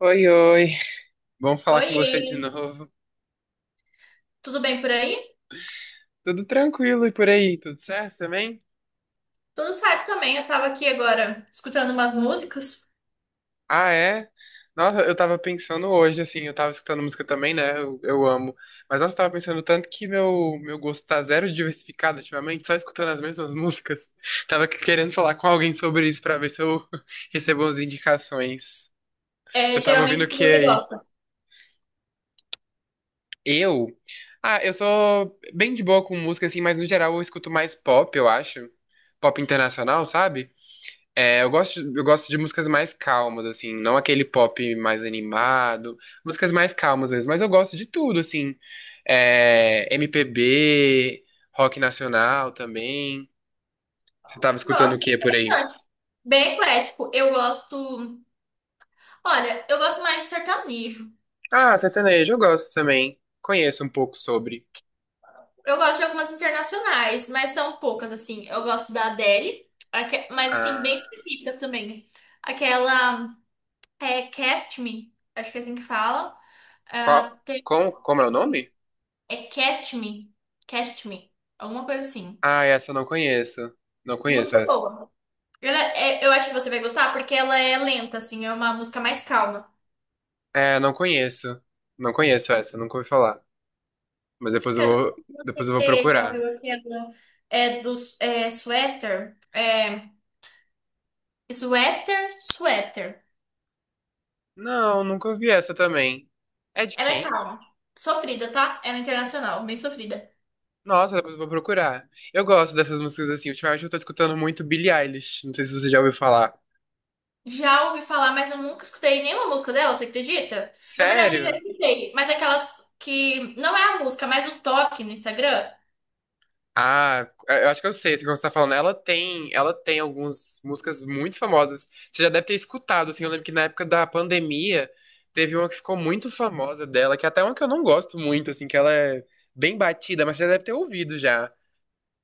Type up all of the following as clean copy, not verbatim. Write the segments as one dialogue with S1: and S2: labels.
S1: Oi, oi. Bom falar com você de
S2: Oiê,
S1: novo.
S2: tudo bem por aí?
S1: Tudo tranquilo e por aí? Tudo certo também?
S2: Tudo certo também. Eu tava aqui agora escutando umas músicas.
S1: Ah, é? Nossa, eu tava pensando hoje, assim, eu tava escutando música também, né? Eu amo. Mas nossa, eu tava pensando tanto que meu gosto tá zero diversificado ultimamente, só escutando as mesmas músicas. Tava querendo falar com alguém sobre isso pra ver se eu recebo as indicações.
S2: É,
S1: Você tava ouvindo
S2: geralmente
S1: o
S2: o que
S1: que
S2: você
S1: aí?
S2: gosta?
S1: Eu? Ah, eu sou bem de boa com música, assim, mas no geral eu escuto mais pop, eu acho. Pop internacional, sabe? É, eu gosto de músicas mais calmas, assim, não aquele pop mais animado, músicas mais calmas mesmo, mas eu gosto de tudo, assim, é, MPB, rock nacional também. Você tava escutando
S2: Nossa,
S1: o
S2: que
S1: que por aí?
S2: interessante. Bem eclético. Eu gosto. Olha, eu gosto mais de sertanejo.
S1: Ah, sertanejo, eu gosto também. Conheço um pouco sobre.
S2: Eu gosto de algumas internacionais, mas são poucas, assim. Eu gosto da Adele, mas assim, bem
S1: Ah,
S2: específicas também. Aquela Catch Me, acho que é assim que fala.
S1: qual,
S2: Ah, tem-
S1: com, como é o nome?
S2: É Catch Me, Catch Me, alguma coisa assim.
S1: Ah, essa eu não conheço. Não conheço
S2: Muito
S1: essa.
S2: boa. Eu acho que você vai gostar porque ela é lenta, assim, é uma música mais calma.
S1: É, não conheço. Não conheço essa, nunca ouvi falar. Mas
S2: Eu não sei
S1: depois
S2: se
S1: eu vou
S2: você já
S1: procurar.
S2: ouviu aquela é do Sweater? Sweater.
S1: Não, nunca ouvi essa também. É de
S2: Ela é
S1: quem?
S2: calma. Sofrida, tá? Ela é internacional, bem sofrida.
S1: Nossa, depois eu vou procurar. Eu gosto dessas músicas assim. Ultimamente eu tô escutando muito Billie Eilish. Não sei se você já ouviu falar.
S2: Já ouvi falar, mas eu nunca escutei nenhuma música dela, você acredita? Na verdade, eu já
S1: Sério?
S2: escutei, mas aquelas que não é a música, mas o toque no Instagram,
S1: Ah, é, eu acho que eu sei, assim, como você tá falando. Ela tem algumas músicas muito famosas. Você já deve ter escutado, assim. Eu lembro que na época da pandemia teve uma que ficou muito famosa dela, que é até uma que eu não gosto muito, assim, que ela é bem batida, mas você já deve ter ouvido já.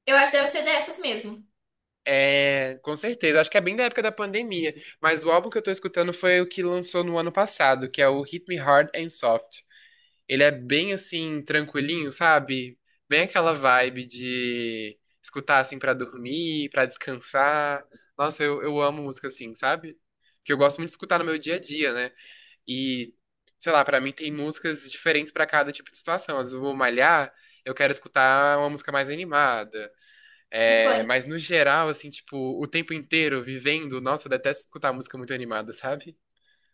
S2: eu acho que deve ser dessas mesmo.
S1: É, com certeza. Acho que é bem da época da pandemia. Mas o álbum que eu tô escutando foi o que lançou no ano passado, que é o Hit Me Hard and Soft. Ele é bem assim, tranquilinho, sabe? Bem aquela vibe de escutar assim pra dormir, pra descansar. Nossa, eu amo música assim, sabe? Que eu gosto muito de escutar no meu dia a dia, né? E, sei lá, pra mim tem músicas diferentes pra cada tipo de situação. Às vezes eu vou malhar, eu quero escutar uma música mais animada.
S2: Um
S1: É,
S2: funk.
S1: mas no geral, assim, tipo, o tempo inteiro vivendo, nossa, eu detesto escutar música muito animada, sabe?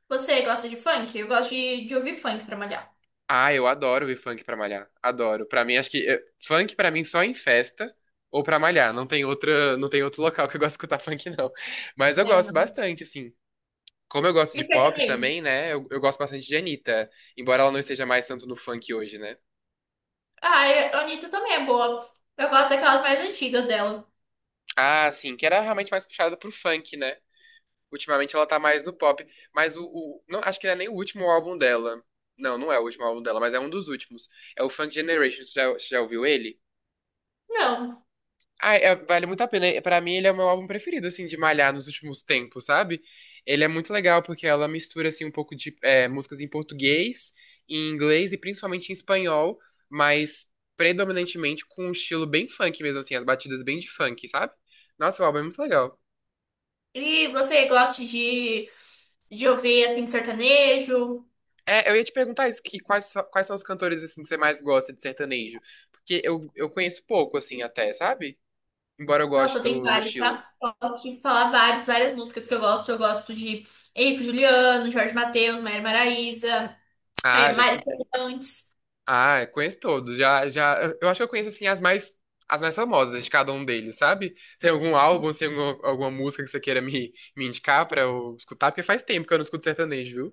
S2: Você gosta de funk? Eu gosto de ouvir funk pra malhar.
S1: Ah, eu adoro ouvir funk pra malhar. Adoro. Pra mim, acho que funk pra mim só em festa ou pra malhar. Não tem outra, não tem outro local que eu gosto de escutar funk, não. Mas eu
S2: É,
S1: gosto
S2: não.
S1: bastante, assim. Como eu gosto
S2: E
S1: de pop
S2: Sertanejo.
S1: também, né? Eu gosto bastante de Anitta, embora ela não esteja mais tanto no funk hoje, né?
S2: Ah, e a Anitta também é boa. Eu gosto daquelas mais antigas dela.
S1: Ah, sim, que era realmente mais puxada pro funk, né? Ultimamente ela tá mais no pop, mas não, acho que não é nem o último álbum dela. Não, não é o último álbum dela, mas é um dos últimos. É o Funk Generation, você já ouviu ele?
S2: Não.
S1: Ah, é- vale muito a pena. É, pra mim ele é o meu álbum preferido, assim, de malhar nos últimos tempos, sabe? Ele é muito legal porque ela mistura, assim, um pouco de é, músicas em português, em inglês e principalmente em espanhol, mas predominantemente com um estilo bem funk mesmo, assim, as batidas bem de funk, sabe? Nossa, o álbum é muito legal.
S2: E você gosta de ouvir assim, sertanejo?
S1: É, eu ia te perguntar isso, que quais, so- quais são os cantores assim que você mais gosta de sertanejo? Porque eu conheço pouco assim até, sabe? Embora eu goste
S2: Nossa, tem
S1: do, do
S2: vários,
S1: estilo.
S2: tá? Posso te falar várias músicas que eu gosto. Eu gosto de Henrique Juliano, Jorge Mateus, Maria Maraíza,
S1: Ah, já
S2: Mari
S1: escutei.
S2: Fernandes.
S1: Ah, eu conheço todos. Já, já, eu acho que eu conheço assim as mais famosas de cada um deles, sabe? Tem algum álbum, tem alguma, alguma música que você queira me, me indicar pra eu escutar? Porque faz tempo que eu não escuto sertanejo.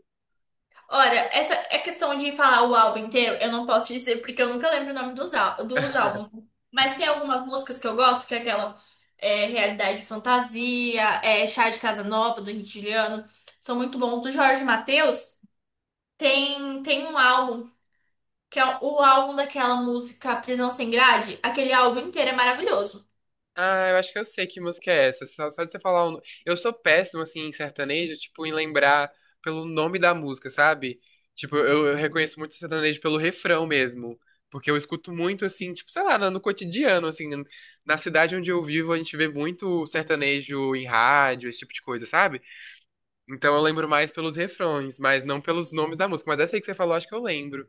S2: Olha, essa é questão de falar o álbum inteiro, eu não posso dizer porque eu nunca lembro o nome dos álbuns. Mas tem algumas músicas que eu gosto, que é aquela Realidade e Fantasia, Chá de Casa Nova, do Henrique Juliano, são muito bons. Do Jorge Mateus tem um álbum, que é o álbum daquela música Prisão Sem Grade, aquele álbum inteiro é maravilhoso.
S1: Ah, eu acho que eu sei que música é essa. Só, só de você falar o... no- Eu sou péssimo, assim, em sertanejo, tipo, em lembrar pelo nome da música, sabe? Tipo, eu reconheço muito sertanejo pelo refrão mesmo. Porque eu escuto muito, assim, tipo, sei lá, no, no cotidiano, assim. Na cidade onde eu vivo, a gente vê muito sertanejo em rádio, esse tipo de coisa, sabe? Então eu lembro mais pelos refrões, mas não pelos nomes da música. Mas essa aí que você falou, acho que eu lembro.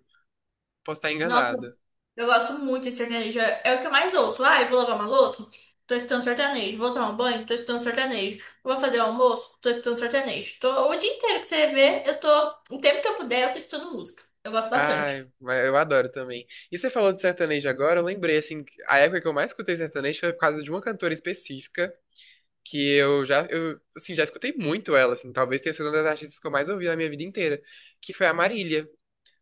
S1: Posso estar
S2: Nossa,
S1: enganada.
S2: eu gosto muito de sertanejo. É o que eu mais ouço. Ah, eu vou lavar uma louça? Tô escutando sertanejo. Vou tomar um banho? Tô escutando sertanejo. Vou fazer o almoço? Tô escutando sertanejo. Tô, o dia inteiro que você vê, eu tô. O tempo que eu puder, eu tô escutando música. Eu gosto bastante.
S1: Ai, mas eu adoro também. E você falou de sertanejo agora, eu lembrei, assim, que a época que eu mais escutei sertanejo foi por causa de uma cantora específica, que eu já, eu, assim, já escutei muito ela, assim, talvez tenha sido uma das artistas que eu mais ouvi na minha vida inteira, que foi a Marília.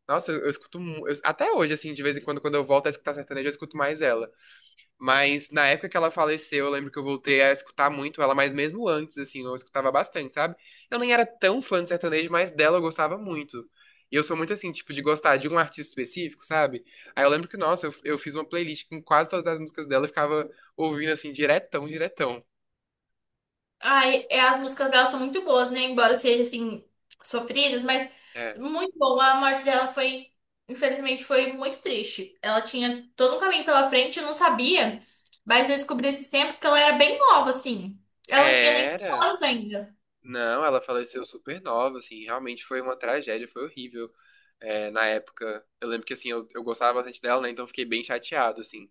S1: Nossa, eu escuto, mu- eu- até hoje, assim, de vez em quando, quando eu volto a escutar sertanejo, eu escuto mais ela. Mas na época que ela faleceu, eu lembro que eu voltei a escutar muito ela, mas mesmo antes, assim, eu escutava bastante, sabe? Eu nem era tão fã de sertanejo, mas dela eu gostava muito. E eu sou muito assim, tipo, de gostar de um artista específico, sabe? Aí eu lembro que, nossa, eu fiz uma playlist com quase todas as músicas dela, eu ficava ouvindo assim, diretão, diretão.
S2: Ai, é, as músicas dela são muito boas, né? Embora sejam assim, sofridas, mas
S1: É.
S2: muito bom. A morte dela foi, infelizmente, foi muito triste. Ela tinha todo um caminho pela frente, eu não sabia, mas eu descobri esses tempos que ela era bem nova, assim. Ela não tinha nem 5
S1: Era.
S2: anos ainda.
S1: Não, ela faleceu super nova, assim, realmente foi uma tragédia, foi horrível. É, na época, eu lembro que, assim, eu gostava bastante dela, né? Então eu fiquei bem chateado, assim.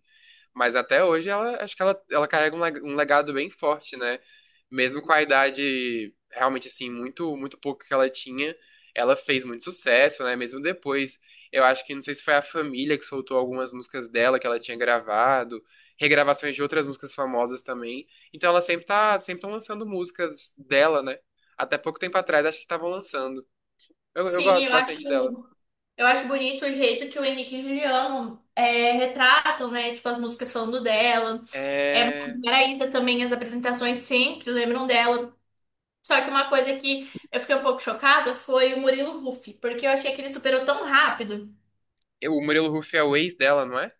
S1: Mas até hoje ela acho que ela carrega um leg- um legado bem forte, né? Mesmo com a idade realmente assim muito pouco que ela tinha, ela fez muito sucesso, né? Mesmo depois, eu acho que não sei se foi a família que soltou algumas músicas dela que ela tinha gravado, regravações de outras músicas famosas também. Então ela sempre tá sempre tão lançando músicas dela, né? Até pouco tempo atrás acho que estavam lançando. Eu
S2: Sim,
S1: gosto bastante dela.
S2: eu acho bonito o jeito que o Henrique e Juliano retratam, né? Tipo, as músicas falando dela. É,
S1: É...
S2: Maraísa também, as apresentações sempre lembram dela. Só que uma coisa que eu fiquei um pouco chocada foi o Murilo Huff, porque eu achei que ele superou tão rápido.
S1: eu- O Murilo Huff é o ex dela, não é?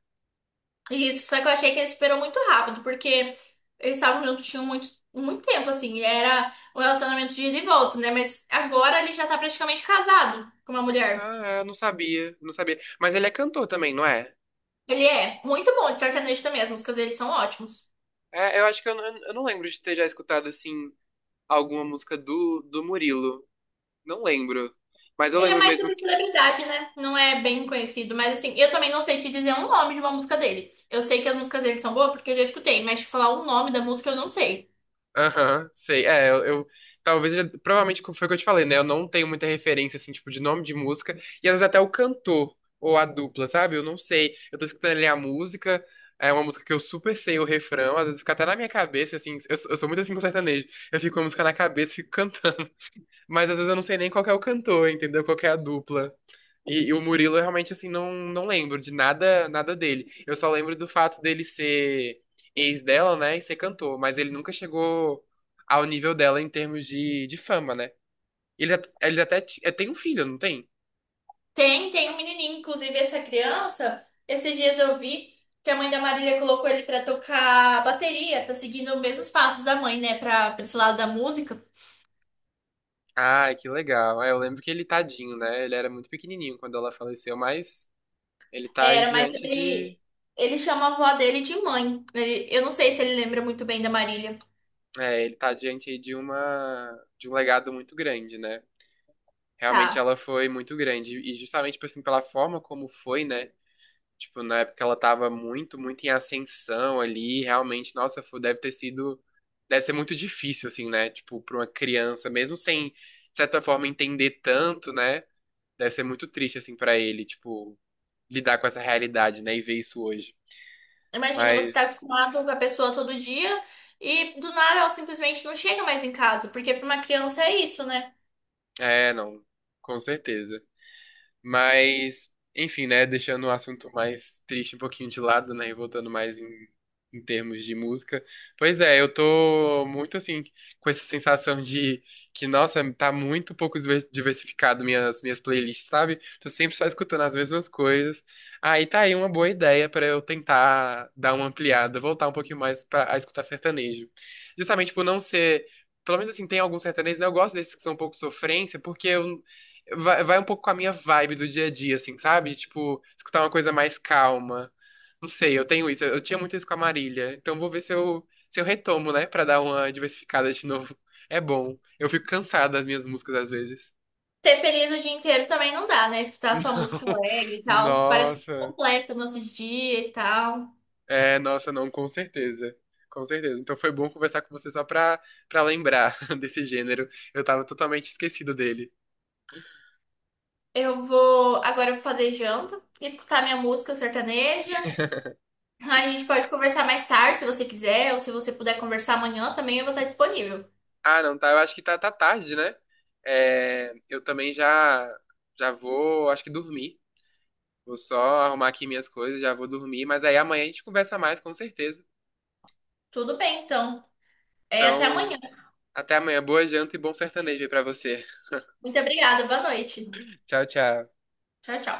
S2: Isso, só que eu achei que ele superou muito rápido, porque eles estavam juntos tinham muito, muito tempo, assim, era um relacionamento de ida e volta, né? Mas agora ele já tá praticamente casado com uma mulher.
S1: Ah, eu não sabia, não sabia. Mas ele é cantor também, não é?
S2: Ele é muito bom de sertanejo também, as músicas dele são ótimas.
S1: É, eu acho que eu não lembro de ter já escutado, assim, alguma música do, do Murilo. Não lembro. Mas eu
S2: Ele é
S1: lembro
S2: mais
S1: mesmo
S2: sobre
S1: que.
S2: celebridade, né? Não é bem conhecido, mas assim, eu também não sei te dizer um nome de uma música dele. Eu sei que as músicas dele são boas porque eu já escutei, mas te falar o nome da música eu não sei.
S1: Aham, sei. É, eu- talvez eu já- provavelmente como foi o que eu te falei, né? Eu não tenho muita referência, assim, tipo, de nome de música. E às vezes até o cantor ou a dupla, sabe? Eu não sei. Eu tô escutando ali a música. É uma música que eu super sei o refrão, às vezes fica até na minha cabeça, assim. Eu sou muito assim com sertanejo. Eu fico com a música na cabeça e fico cantando. Mas às vezes eu não sei nem qual que é o cantor, entendeu? Qual que é a dupla. E o Murilo, eu realmente, assim, não, não lembro de nada, nada dele. Eu só lembro do fato dele ser ex dela, né? E ser cantor. Mas ele nunca chegou ao nível dela em termos de fama, né? Ele, at- ele até ti- é, tem um filho, não tem?
S2: Tem um menininho, inclusive essa criança, esses dias eu vi que a mãe da Marília colocou ele pra tocar bateria, tá seguindo os mesmos passos da mãe, né, pra esse lado da música.
S1: Ai, que legal. É, eu lembro que ele tadinho, né? Ele era muito pequenininho quando ela faleceu, mas ele tá aí
S2: Era,
S1: diante de...
S2: ele chama a avó dele de mãe. Eu não sei se ele lembra muito bem da Marília.
S1: É, ele tá diante aí de uma... de um legado muito grande, né? Realmente
S2: Tá.
S1: ela foi muito grande. E justamente, tipo assim, pela forma como foi, né? Tipo, na época ela tava muito, muito em ascensão ali. Realmente, nossa, foi- deve ter sido. Deve ser muito difícil, assim, né? Tipo, pra uma criança, mesmo sem, de certa forma, entender tanto, né? Deve ser muito triste, assim, pra ele, tipo, lidar com essa realidade, né? E ver isso hoje.
S2: Imagina, você tá
S1: Mas,
S2: acostumado com a pessoa todo dia e do nada ela simplesmente não chega mais em casa, porque pra uma criança é isso, né?
S1: é, não, com certeza. Mas, enfim, né? Deixando o assunto mais triste um pouquinho de lado, né? E voltando mais em, em termos de música. Pois é, eu tô muito assim, com essa sensação de que, nossa, tá muito pouco diver- diversificado minhas, minhas playlists, sabe? Tô sempre só escutando as mesmas coisas. Aí tá aí uma boa ideia pra eu tentar dar uma ampliada, voltar um pouquinho mais pra, a escutar sertanejo. Justamente por não ser. Pelo menos assim, tem alguns sertanejos, né? Eu gosto desses que são um pouco sofrência, porque eu vai, vai um pouco com a minha vibe do dia a dia, assim, sabe? Tipo, escutar uma coisa mais calma. Não sei, eu tenho isso. Eu tinha muito isso com a Marília. Então vou ver se eu, se eu retomo, né? Pra dar uma diversificada de novo. É bom. Eu fico cansado das minhas músicas às vezes.
S2: Ser feliz o dia inteiro também não dá, né? Escutar só música
S1: Não.
S2: alegre e tal. Parece que
S1: Nossa.
S2: completa o nosso dia e tal.
S1: É, nossa, não, com certeza. Com certeza. Então foi bom conversar com você só pra, pra lembrar desse gênero. Eu tava totalmente esquecido dele.
S2: Eu vou. Agora eu vou fazer janta, escutar minha música sertaneja. A gente pode conversar mais tarde, se você quiser, ou se você puder conversar amanhã também, eu vou estar disponível.
S1: Ah, não, tá. Eu acho que tá, tá tarde, né? É, eu também já já vou, acho que dormir. Vou só arrumar aqui minhas coisas, já vou dormir. Mas aí amanhã a gente conversa mais, com certeza.
S2: Tudo bem, então. É, até
S1: Então,
S2: amanhã.
S1: até amanhã. Boa janta e bom sertanejo aí pra você.
S2: Muito obrigada, boa noite.
S1: Tchau, tchau.
S2: Tchau, tchau.